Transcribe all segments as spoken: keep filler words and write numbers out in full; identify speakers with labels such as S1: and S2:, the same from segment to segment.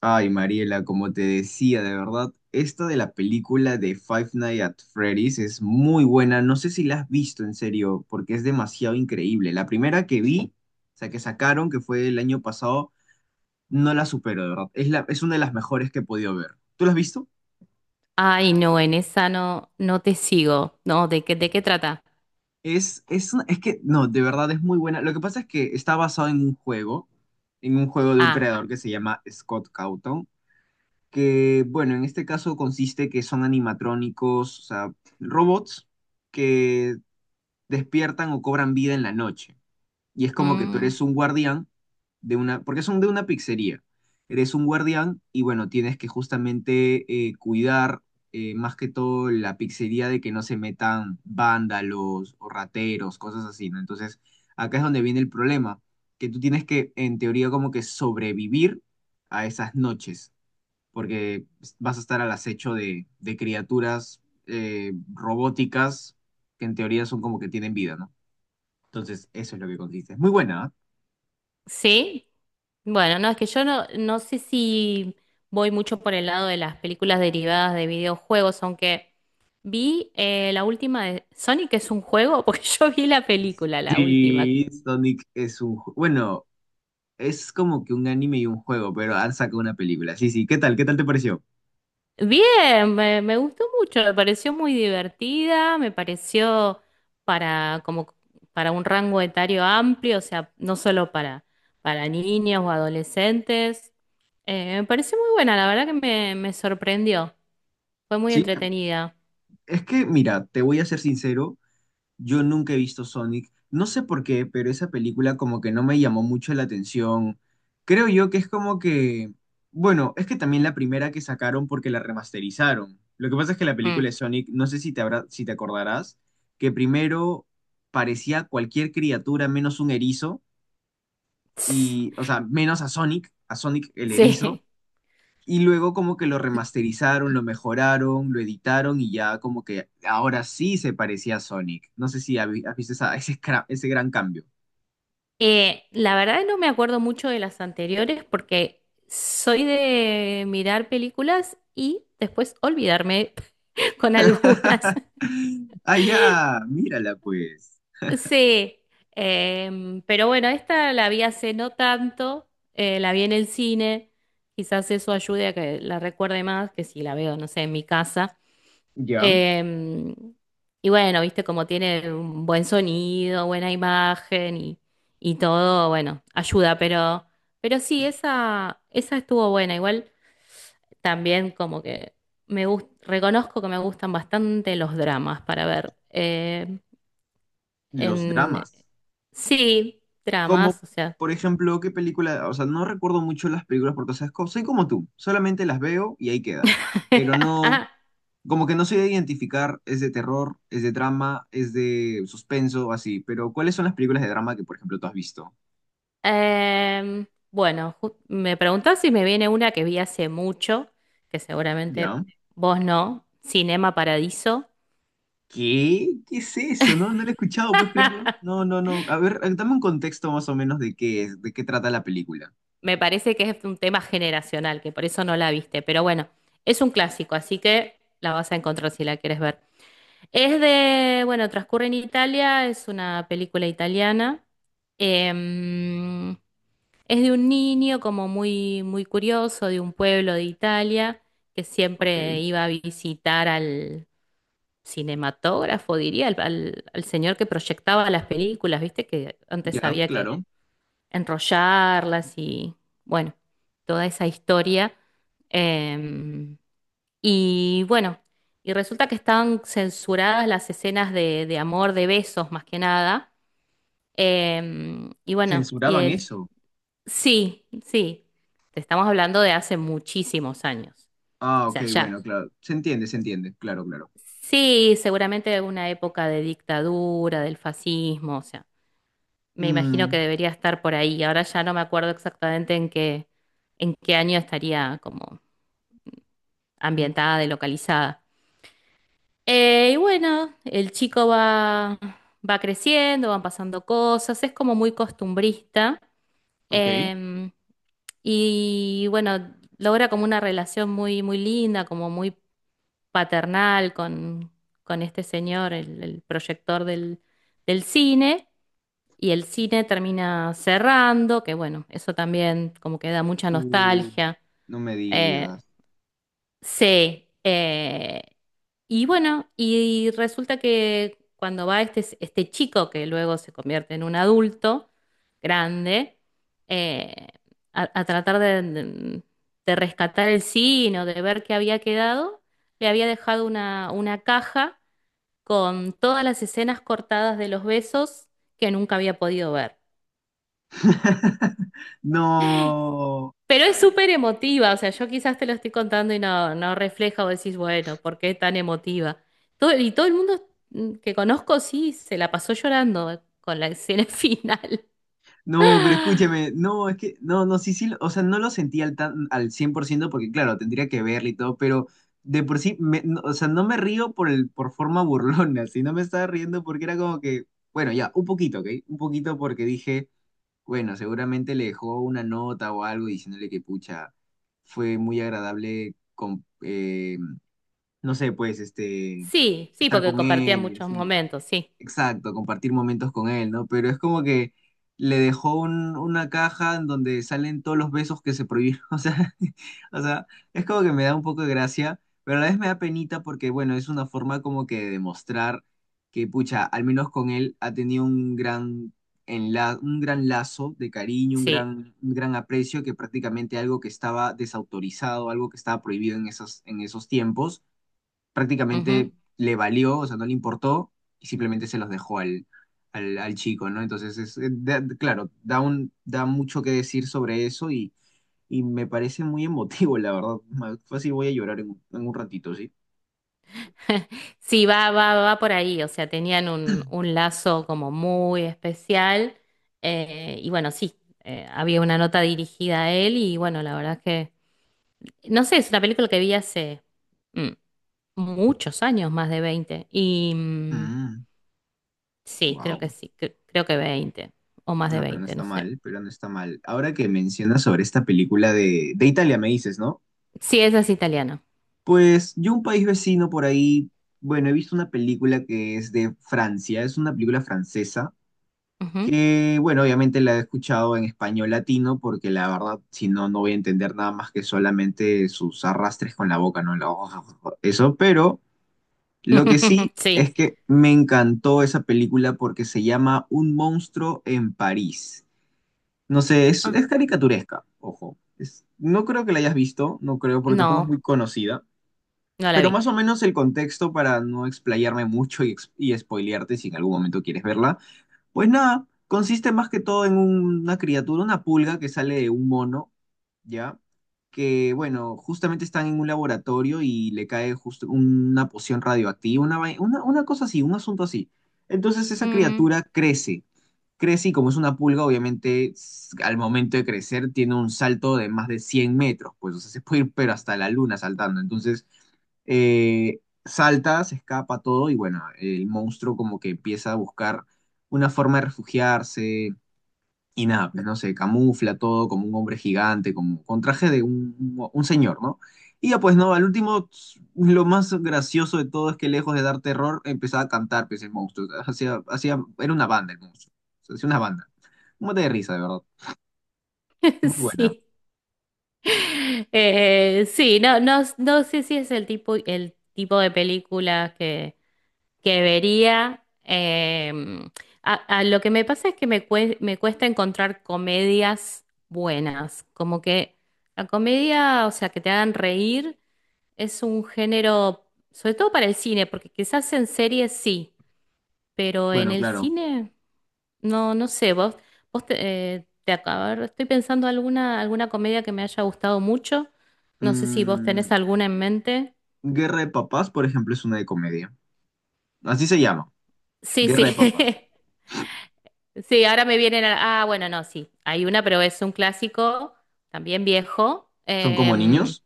S1: Ay, Mariela, como te decía, de verdad, esta de la película de Five Nights at Freddy's es muy buena. No sé si la has visto en serio, porque es demasiado increíble. La primera que vi, o sea, que sacaron, que fue el año pasado, no la supero, de verdad. Es la, es una de las mejores que he podido ver. ¿Tú la has visto?
S2: Ay, no, en esa no, no te sigo. No, ¿de qué, de qué trata?
S1: Es, es, una- es que, no, de verdad es muy buena. Lo que pasa es que está basado en un juego, en un juego de un
S2: Ah,
S1: creador que se llama Scott Cawthon. Que, bueno, en este caso consiste que son animatrónicos, o sea, robots que despiertan o cobran vida en la noche. Y es como que tú
S2: mm,
S1: eres un guardián de una, porque son de una pizzería. Eres un guardián y, bueno, tienes que justamente eh, cuidar eh, más que todo la pizzería de que no se metan vándalos o rateros, cosas así, ¿no? Entonces, acá es donde viene el problema, que tú tienes que, en teoría, como que sobrevivir a esas noches porque vas a estar al acecho de, de criaturas eh, robóticas que en teoría son como que tienen vida, ¿no? Entonces, eso es lo que consiste. Es muy buena, ¿ah?
S2: sí. Bueno, no, es que yo no, no sé si voy mucho por el lado de las películas derivadas de videojuegos, aunque vi eh, la última de Sonic que es un juego, porque yo vi la película, la última.
S1: Sí, Sonic, es un... ju- bueno, es como que un anime y un juego, pero han sacado una película. Sí, sí, ¿qué tal? ¿Qué tal te pareció?
S2: Bien, me, me gustó mucho, me pareció muy divertida, me pareció para como para un rango etario amplio, o sea, no solo para, para niños o adolescentes. Eh, me pareció muy buena, la verdad que me, me sorprendió, fue muy
S1: Sí,
S2: entretenida.
S1: es que, mira, te voy a ser sincero. Yo nunca he visto Sonic. No sé por qué, pero esa película como que no me llamó mucho la atención. Creo yo que es como que, bueno, es que también la primera que sacaron porque la remasterizaron. Lo que pasa es que la película
S2: Mm.
S1: de Sonic, no sé si te habrá- si te acordarás, que primero parecía cualquier criatura menos un erizo y, o sea, menos a Sonic, a Sonic el erizo.
S2: Sí,
S1: Y luego como que lo remasterizaron, lo mejoraron, lo editaron y ya como que ahora sí se parecía a Sonic. No sé si habi- has visto esa- ese, cra- ese gran cambio.
S2: Eh, la verdad no me acuerdo mucho de las anteriores porque soy de mirar películas y después olvidarme con algunas.
S1: Ah, ya, mírala, pues.
S2: Sí, em, pero bueno, esta la vi hace no tanto, eh, la vi en el cine, quizás eso ayude a que la recuerde más que si la veo, no sé, en mi casa.
S1: Ya,
S2: Em, y bueno, viste como tiene un buen sonido, buena imagen y, y todo, bueno, ayuda, pero, pero sí, esa, esa estuvo buena. Igual también como que me gus- reconozco que me gustan bastante los dramas para ver. em,
S1: los
S2: en,
S1: dramas.
S2: Sí,
S1: Como,
S2: dramas, o sea.
S1: por ejemplo, qué película, o sea, no recuerdo mucho las películas porque, o sea, es co- soy como tú, solamente las veo y ahí queda. Pero no, como que no sé identificar, es de terror, es de drama, es de suspenso, así. Pero, ¿cuáles son las películas de drama que, por ejemplo, tú has visto?
S2: Em, bueno, ju- me preguntás si me viene una que vi hace mucho, que seguramente
S1: ¿Ya?
S2: vos no, Cinema Paradiso.
S1: ¿Qué? ¿Qué es eso? No, no lo he escuchado, ¿puedes creerlo? No, no, no. A ver, dame un contexto más o menos de qué es, de qué trata la película.
S2: Me parece que es un tema generacional, que por eso no la viste, pero bueno, es un clásico, así que la vas a encontrar si la quieres ver. Es de, bueno, transcurre en Italia, es una película italiana. Em, Es de un niño como muy, muy curioso, de un pueblo de Italia, que
S1: Ok,
S2: siempre iba a visitar al cinematógrafo, diría, al, al- al señor que proyectaba las películas, ¿viste? Que antes
S1: ya,
S2: había que
S1: claro.
S2: enrollarlas y, bueno, toda esa historia. Em, y bueno, y resulta que estaban censuradas las escenas de, de amor, de besos, más que nada. Em, y bueno, y
S1: Censuraban
S2: el
S1: eso.
S2: sí, sí. Te estamos hablando de hace muchísimos años.
S1: Ah,
S2: O
S1: ok,
S2: sea,
S1: bueno,
S2: ya.
S1: claro. Se entiende, se entiende. Claro, claro.
S2: Sí, seguramente de una época de dictadura, del fascismo, o sea, me imagino que
S1: Mm,
S2: debería estar por ahí. Ahora ya no me acuerdo exactamente en qué, en qué año estaría como ambientada y localizada. Eh, y bueno, el chico va, va creciendo, van pasando cosas, es como muy costumbrista.
S1: ok.
S2: Em, y bueno, logra como una relación muy, muy linda, como muy paternal con, con este señor, el, el proyector del, del cine. Y el cine termina cerrando, que bueno, eso también como que da mucha
S1: Uh,
S2: nostalgia.
S1: no me
S2: Eh,
S1: digas.
S2: Sí, eh, y bueno, y resulta que cuando va este, este chico, que luego se convierte en un adulto grande, eh, a, a tratar de, de- de rescatar el sino de ver qué había quedado, le había dejado una, una caja con todas las escenas cortadas de los besos que nunca había podido ver.
S1: No.
S2: Pero es súper emotiva, o sea, yo quizás te lo estoy contando y no, no refleja o decís, bueno, ¿por qué tan emotiva? Todo, y todo el mundo mm, que conozco sí se la pasó llorando con la escena final.
S1: No, pero escúchame, no, es que, no, no, sí, sí, lo- o sea, no lo sentí al, tan, al cien por ciento porque, claro, tendría que verlo y todo, pero de por sí, me- no, o sea, no me río por, el, por forma burlona, sino me estaba riendo porque era como que, bueno, ya, un poquito, ¿ok? Un poquito porque dije, bueno, seguramente le dejó una nota o algo diciéndole que, pucha, fue muy agradable, con, eh, no sé, pues, este,
S2: Sí, sí,
S1: estar
S2: porque
S1: con
S2: compartía
S1: él y
S2: muchos
S1: así, ¿no?
S2: momentos, sí,
S1: Exacto, compartir momentos con él, ¿no? Pero es como que le dejó un- una caja en donde salen todos los besos que se prohibieron. O sea, o sea, es como que me da un poco de gracia, pero a la vez me da penita porque, bueno, es una forma como que de demostrar que, pucha, al menos con él ha tenido un gran, enla- un gran lazo de cariño, un
S2: sí.
S1: gran, un gran aprecio, que prácticamente algo que estaba desautorizado, algo que estaba prohibido en esos, en esos tiempos
S2: Ujú.
S1: prácticamente le valió, o sea, no le importó y simplemente se los dejó al, al, al chico, ¿no? Entonces, es, eh, da- claro, da, un, da mucho que decir sobre eso y, y me parece muy emotivo, la verdad. Ma- Fácil voy a llorar en, un en un ratito, ¿sí?
S2: Sí, va, va, va por ahí, o sea, tenían un, un lazo como muy especial eh, y bueno, sí, eh, había una nota dirigida a él y bueno, la verdad es que, no sé, es una película que vi hace... mm, muchos años, más de veinte. Y mm, sí, creo
S1: Wow.
S2: que sí, cre- creo que veinte o más de
S1: Ah, pero no
S2: veinte,
S1: está
S2: no sé.
S1: mal, pero no está mal. Ahora que mencionas sobre esta película de, de Italia, me dices, ¿no?
S2: Sí, esa es italiana.
S1: Pues yo un país vecino por ahí, bueno, he visto una película que es de Francia, es una película francesa
S2: Ujú.
S1: que, bueno, obviamente la he escuchado en español latino porque la verdad, si no, no voy a entender nada más que solamente sus arrastres con la boca, ¿no? La- Eso, pero lo que sí es
S2: Sí.
S1: que me encantó esa película porque se llama Un monstruo en París. No sé, es,
S2: Ah,
S1: es caricaturesca, ojo. Es- no creo que la hayas visto, no creo, porque tampoco es
S2: no,
S1: muy conocida.
S2: no la
S1: Pero
S2: vi.
S1: más o menos el contexto para no explayarme mucho y, ex- y spoilearte si en algún momento quieres verla, pues nada, consiste más que todo en un- una criatura, una pulga que sale de un mono. ¿Ya? Que, bueno, justamente están en un laboratorio y le cae justo una poción radioactiva, una, vai- una, una cosa así, un asunto así. Entonces esa
S2: Mm.
S1: criatura crece, crece y como es una pulga, obviamente s- al momento de crecer tiene un salto de más de cien metros, pues, o sea, se puede ir pero hasta la luna saltando. Entonces eh, salta, se escapa todo y bueno, el monstruo como que empieza a buscar una forma de refugiarse, y nada, pues no sé, camufla todo como un hombre gigante, como con traje de un, un señor, ¿no? Y ya pues no, al último, lo más gracioso de todo es que lejos de dar terror, empezaba a cantar, pues el monstruo. Hacía, hacía, era una banda el monstruo. O sea, hacía una banda. Un mate de risa, de verdad. Muy buena.
S2: Sí. Eh, sí, no, no, no sé si es el tipo, el tipo de película que, que vería. eh, a, a lo que me pasa es que me, cue- me cuesta encontrar comedias buenas. Como que la comedia, o sea, que te hagan reír, es un género, sobre todo para el cine, porque quizás en series sí, pero en
S1: Bueno,
S2: el
S1: claro.
S2: cine, no, no sé, vos, vos te, eh, te acá- a ver, estoy pensando alguna, alguna comedia que me haya gustado mucho. No sé si vos tenés
S1: Mm,
S2: alguna en mente.
S1: Guerra de Papás, por ejemplo, es una de comedia. Así se llama.
S2: Sí, sí.
S1: Guerra de Papás.
S2: Sí, ahora me vienen a... Ah, bueno, no, sí. Hay una, pero es un clásico, también viejo,
S1: Son como
S2: em,
S1: niños.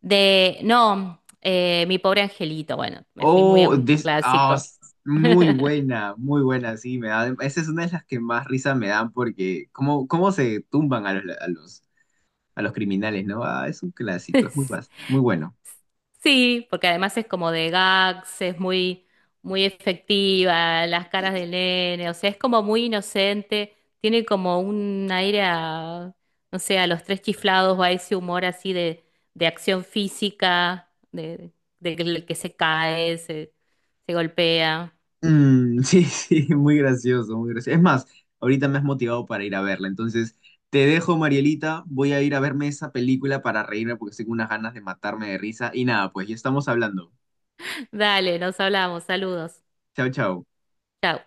S2: de... No, eh, Mi pobre angelito. Bueno, me fui muy a
S1: Oh,
S2: un
S1: this, ah,
S2: clásico.
S1: s- muy buena, muy buena, sí, me da, esa es una de las que más risa me dan porque cómo, cómo se tumban a los, a los, a los criminales, ¿no? Ah, es un clásico, es muy, bas- muy bueno.
S2: Sí, porque además es como de gags, es muy, muy efectiva, las caras del nene, o sea, es como muy inocente, tiene como un aire a, no sé, a los tres chiflados, va ese humor así de, de acción física, de, de que el que se cae, se, se golpea.
S1: Mm, sí, sí, muy gracioso, muy gracioso. Es más, ahorita me has motivado para ir a verla, entonces te dejo, Marielita, voy a ir a verme esa película para reírme porque tengo unas ganas de matarme de risa y nada, pues ya estamos hablando.
S2: Dale, nos hablamos, saludos.
S1: Chao, chao.
S2: Chao.